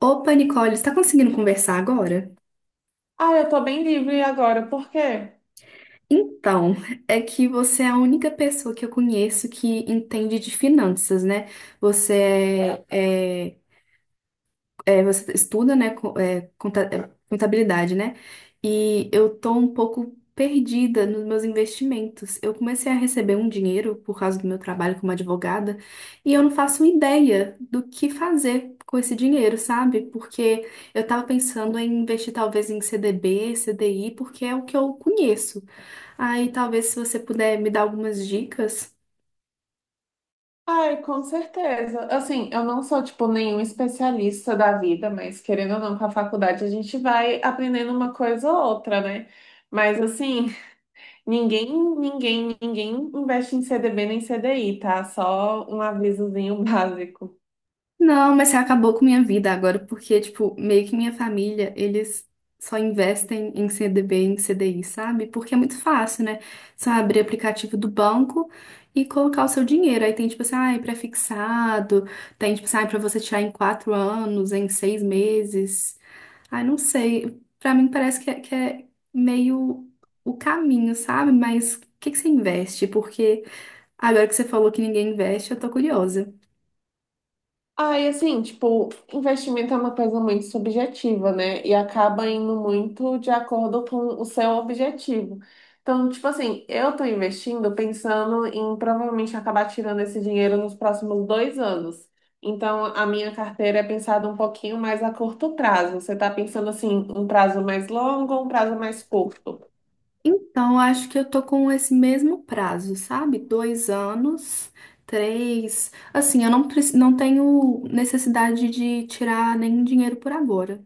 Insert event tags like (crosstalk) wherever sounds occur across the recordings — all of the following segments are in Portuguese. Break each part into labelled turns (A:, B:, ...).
A: Opa, Nicole, está conseguindo conversar agora?
B: Ah, eu tô bem livre agora, por quê?
A: Então, é que você é a única pessoa que eu conheço que entende de finanças, né? Você é, é, você estuda, né, contabilidade, né? E eu tô um pouco perdida nos meus investimentos. Eu comecei a receber um dinheiro por causa do meu trabalho como advogada e eu não faço ideia do que fazer com esse dinheiro, sabe? Porque eu tava pensando em investir talvez em CDB, CDI, porque é o que eu conheço. Aí talvez se você puder me dar algumas dicas.
B: Ai, com certeza. Assim, eu não sou, tipo, nenhum especialista da vida, mas querendo ou não, com a faculdade a gente vai aprendendo uma coisa ou outra, né? Mas, assim, (laughs) ninguém, ninguém investe em CDB nem CDI, tá? Só um avisozinho (laughs) básico.
A: Não, mas você acabou com minha vida agora, porque, tipo, meio que minha família, eles só investem em CDB, em CDI, sabe? Porque é muito fácil, né? Só abrir aplicativo do banco e colocar o seu dinheiro. Aí tem, tipo assim, ai, pré-fixado, tem, tipo assim, ai, pra você tirar em 4 anos, em 6 meses. Ai, não sei. Pra mim parece que é meio o caminho, sabe? Mas o que que você investe? Porque agora que você falou que ninguém investe, eu tô curiosa.
B: Ah, e assim, tipo, investimento é uma coisa muito subjetiva, né? E acaba indo muito de acordo com o seu objetivo. Então, tipo assim, eu tô investindo pensando em provavelmente acabar tirando esse dinheiro nos próximos 2 anos. Então, a minha carteira é pensada um pouquinho mais a curto prazo. Você tá pensando assim, um prazo mais longo ou um prazo mais curto?
A: Então, acho que eu tô com esse mesmo prazo, sabe? 2 anos, três. Assim, eu não, preci- não tenho necessidade de tirar nenhum dinheiro por agora.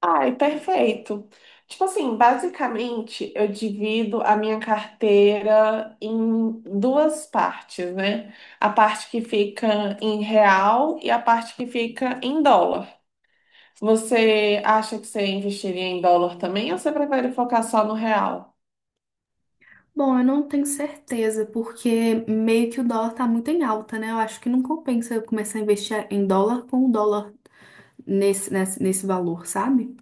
B: Ai, perfeito. Tipo assim, basicamente eu divido a minha carteira em duas partes, né? A parte que fica em real e a parte que fica em dólar. Você acha que você investiria em dólar também ou você prefere focar só no real?
A: Bom, eu não tenho certeza, porque meio que o dólar tá muito em alta, né? Eu acho que não compensa eu começar a investir em dólar com o dólar nesse valor, sabe?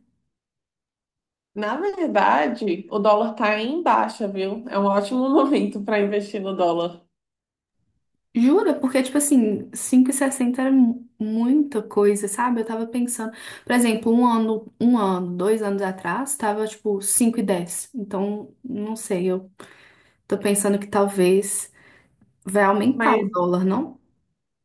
B: Na verdade, o dólar tá em baixa, viu? É um ótimo (laughs) momento para investir no dólar.
A: Jura? Porque, tipo assim, cinco e sessenta era muita coisa, sabe? Eu tava pensando, por exemplo, um ano, 2 anos atrás, tava, tipo, cinco e dez. Então, não sei, eu tô pensando que talvez vai aumentar o
B: mas
A: dólar, não?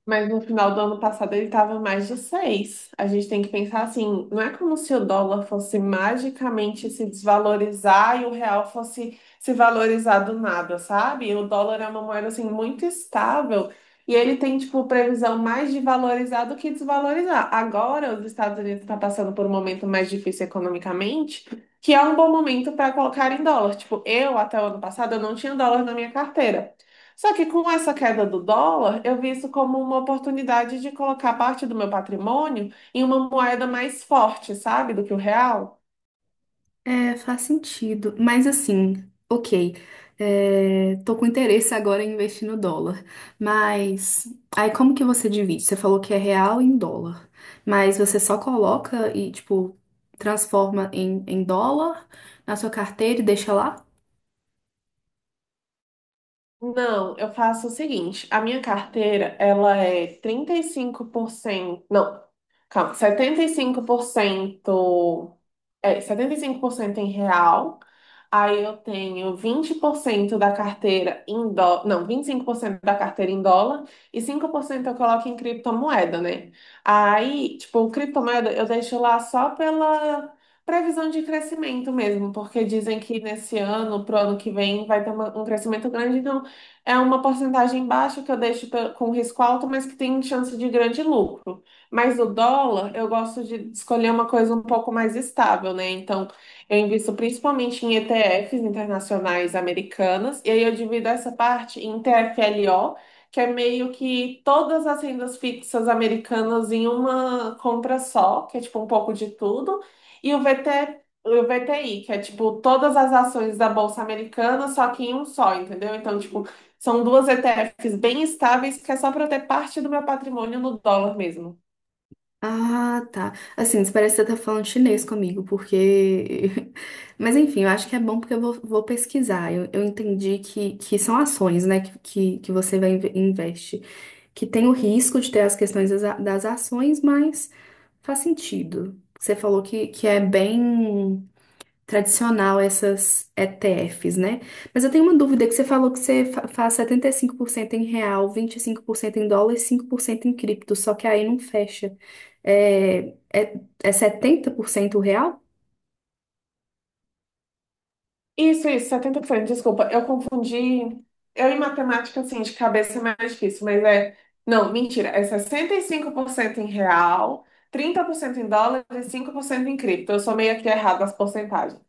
B: Mas no final do ano passado ele estava mais de 6. A gente tem que pensar assim, não é como se o dólar fosse magicamente se desvalorizar e o real fosse se valorizar do nada, sabe? O dólar é uma moeda assim muito estável e ele tem tipo previsão mais de valorizar do que desvalorizar. Agora os Estados Unidos estão passando por um momento mais difícil economicamente, que é um bom momento para colocar em dólar. Tipo, eu até o ano passado eu não tinha dólar na minha carteira. Só que com essa queda do dólar, eu vi isso como uma oportunidade de colocar parte do meu patrimônio em uma moeda mais forte, sabe, do que o real.
A: É, faz sentido. Mas assim, ok. É, tô com interesse agora em investir no dólar. Mas aí como que você divide? Você falou que é real em dólar. Mas você só coloca e, tipo, transforma em, dólar na sua carteira e deixa lá?
B: Não, eu faço o seguinte, a minha carteira, ela é 35% não, calma, 75% 75% em real, aí eu tenho 20% da carteira em dólar, não, 25% da carteira em dólar e 5% eu coloco em criptomoeda, né? Aí, tipo, criptomoeda eu deixo lá só pela previsão de crescimento mesmo, porque dizem que nesse ano, pro ano que vem, vai ter um crescimento grande, então é uma porcentagem baixa que eu deixo com risco alto, mas que tem chance de grande lucro. Mas o dólar, eu gosto de escolher uma coisa um pouco mais estável, né? Então, eu invisto principalmente em ETFs internacionais americanas, e aí eu divido essa parte em TFLO, que é meio que todas as rendas fixas americanas em uma compra só, que é tipo um pouco de tudo, e o VT, o VTI, que é tipo todas as ações da Bolsa Americana, só que em um só, entendeu? Então, tipo, são duas ETFs bem estáveis, que é só para eu ter parte do meu patrimônio no dólar mesmo.
A: Ah, tá. Assim, isso parece que você tá falando chinês comigo, porque. (laughs) Mas enfim, eu acho que é bom porque vou pesquisar. Eu entendi que são ações, né, que você vai investe. Que tem o risco de ter as questões das ações, mas faz sentido. Você falou que é bem tradicional essas ETFs, né? Mas eu tenho uma dúvida que você falou que você faz 75% em real, 25% em dólar e 5% em cripto, só que aí não fecha. É, é 70% real?
B: Isso, 70%. Desculpa, eu confundi. Eu em matemática, assim, de cabeça é mais difícil, mas é. Não, mentira, é 65% em real, 30% em dólar e 5% em cripto. Eu sou meio que errada as porcentagens.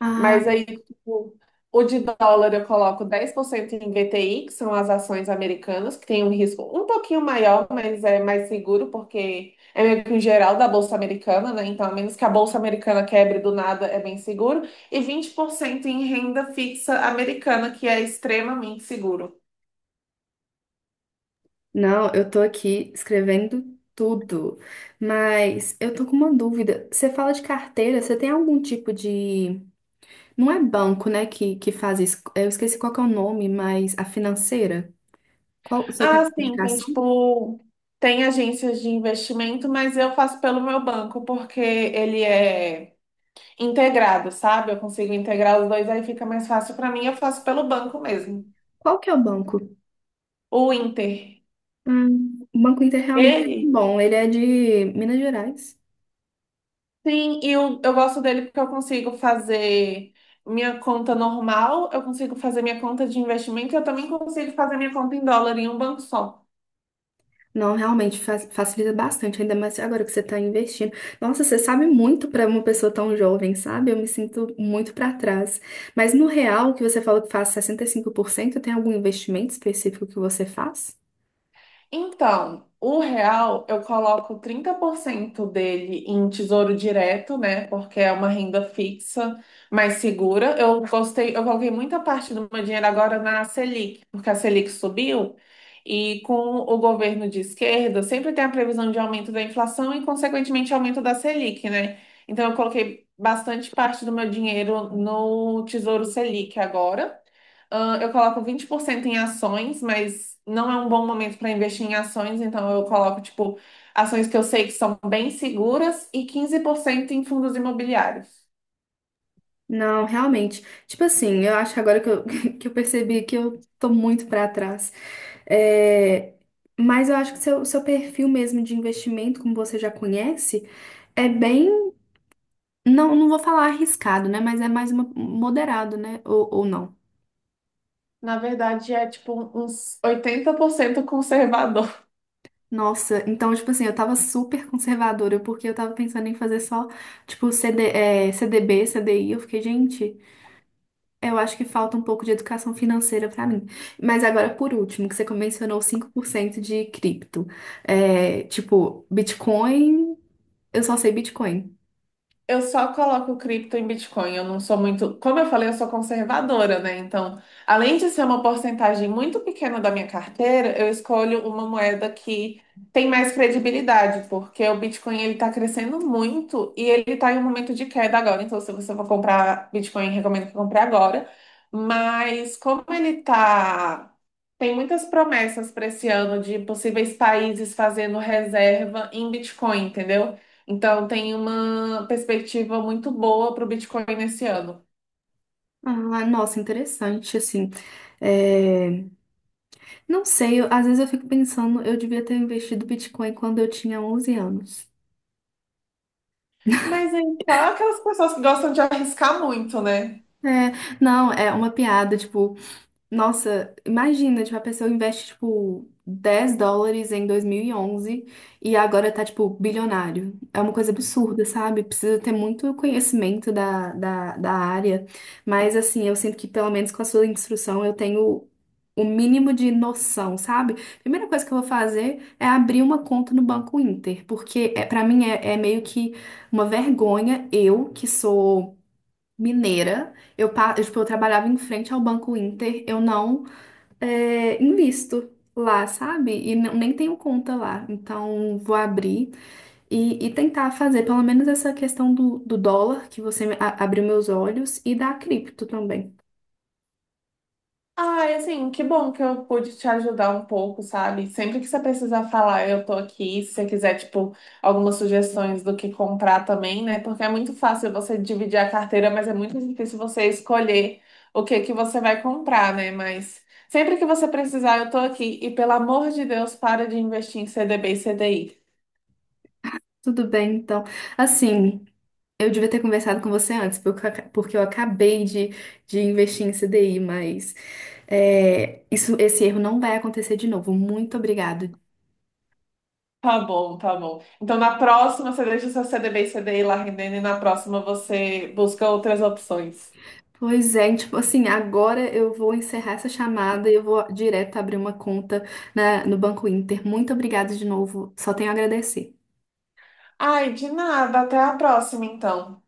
A: Ah,
B: Mas aí, tipo, o de dólar eu coloco 10% em VTI, que são as ações americanas, que tem um risco um pouquinho maior, mas é mais seguro, porque é meio que o geral da Bolsa Americana, né? Então, a menos que a Bolsa Americana quebre do nada, é bem seguro. E 20% em renda fixa americana, que é extremamente seguro.
A: não, eu tô aqui escrevendo tudo, mas eu tô com uma dúvida. Você fala de carteira, você tem algum tipo de. Não é banco, né, que faz isso. Eu esqueci qual que é o nome, mas a financeira. Qual, você tem
B: Ah,
A: uma
B: sim, tem
A: indicação?
B: tipo. Tem agências de investimento, mas eu faço pelo meu banco, porque ele é integrado, sabe? Eu consigo integrar os dois, aí fica mais fácil para mim. Eu faço pelo banco mesmo.
A: Qual que é o banco?
B: O Inter.
A: O Banco Inter realmente é muito
B: Ele,
A: bom. Ele é de Minas Gerais.
B: sim, e eu gosto dele porque eu consigo fazer minha conta normal, eu consigo fazer minha conta de investimento e eu também consigo fazer minha conta em dólar em um banco só.
A: Não, realmente facilita bastante, ainda mais agora que você está investindo. Nossa, você sabe muito para uma pessoa tão jovem, sabe? Eu me sinto muito para trás. Mas no real, que você falou que faz 65%, tem algum investimento específico que você faz?
B: Então, o real eu coloco 30% dele em tesouro direto, né? Porque é uma renda fixa mais segura. Eu gostei, eu coloquei muita parte do meu dinheiro agora na Selic, porque a Selic subiu e com o governo de esquerda sempre tem a previsão de aumento da inflação e, consequentemente, aumento da Selic, né? Então, eu coloquei bastante parte do meu dinheiro no Tesouro Selic agora. Eu coloco 20% em ações, mas não é um bom momento para investir em ações, então eu coloco, tipo, ações que eu sei que são bem seguras e 15% em fundos imobiliários.
A: Não, realmente. Tipo assim, eu acho que agora (laughs) que eu percebi que eu tô muito pra trás. É, mas eu acho que seu perfil mesmo de investimento, como você já conhece, é bem. Não, não vou falar arriscado, né? Mas é mais moderado, né? Ou não.
B: Na verdade, é tipo uns 80% conservador.
A: Nossa, então, tipo assim, eu tava super conservadora, porque eu tava pensando em fazer só, tipo, CDB, CDI. Eu fiquei, gente. Eu acho que falta um pouco de educação financeira para mim. Mas agora, por último, que você mencionou 5% de cripto. É, tipo, eu só sei Bitcoin.
B: Eu só coloco cripto em Bitcoin. Eu não sou muito. Como eu falei, eu sou conservadora, né? Então, além de ser uma porcentagem muito pequena da minha carteira, eu escolho uma moeda que tem mais credibilidade, porque o Bitcoin ele está crescendo muito e ele está em um momento de queda agora. Então, se você for comprar Bitcoin, recomendo que compre agora. Mas como ele tá. Tem muitas promessas para esse ano de possíveis países fazendo reserva em Bitcoin, entendeu? Então tem uma perspectiva muito boa para o Bitcoin nesse ano.
A: Ah, nossa, interessante, assim. É, não sei, às vezes eu fico pensando, eu devia ter investido Bitcoin quando eu tinha 11 anos.
B: Mas aí, claro, aquelas pessoas que gostam de arriscar muito, né?
A: É, não, é uma piada, tipo, nossa, imagina, tipo, a pessoa investe, tipo, 10 dólares em 2011 e onze e agora tá, tipo, bilionário. É uma coisa absurda, sabe? Precisa ter muito conhecimento da área. Mas, assim, eu sinto que, pelo menos com a sua instrução, eu tenho o mínimo de noção, sabe? Primeira coisa que eu vou fazer é abrir uma conta no Banco Inter, porque para mim é meio que uma vergonha eu, que sou mineira, eu, tipo, eu trabalhava em frente ao Banco Inter, eu não é, invisto lá, sabe? E nem tenho conta lá. Então, vou abrir e tentar fazer pelo menos essa questão do, do dólar, que você abriu meus olhos, e da cripto também.
B: Ah, e assim, que bom que eu pude te ajudar um pouco, sabe? Sempre que você precisar falar, eu tô aqui. Se você quiser, tipo, algumas sugestões do que comprar também, né? Porque é muito fácil você dividir a carteira, mas é muito difícil você escolher o que que você vai comprar, né? Mas sempre que você precisar, eu tô aqui. E pelo amor de Deus, para de investir em CDB e CDI.
A: Tudo bem, então. Assim, eu devia ter conversado com você antes, porque porque eu acabei de investir em CDI, mas esse erro não vai acontecer de novo. Muito obrigada.
B: Tá bom, tá bom. Então, na próxima, você deixa o seu CDB e CDI lá rendendo e na próxima você busca outras opções.
A: Pois é, e, tipo assim, agora eu vou encerrar essa chamada e eu vou direto abrir uma conta no Banco Inter. Muito obrigada de novo, só tenho a agradecer.
B: Ai, de nada. Até a próxima, então.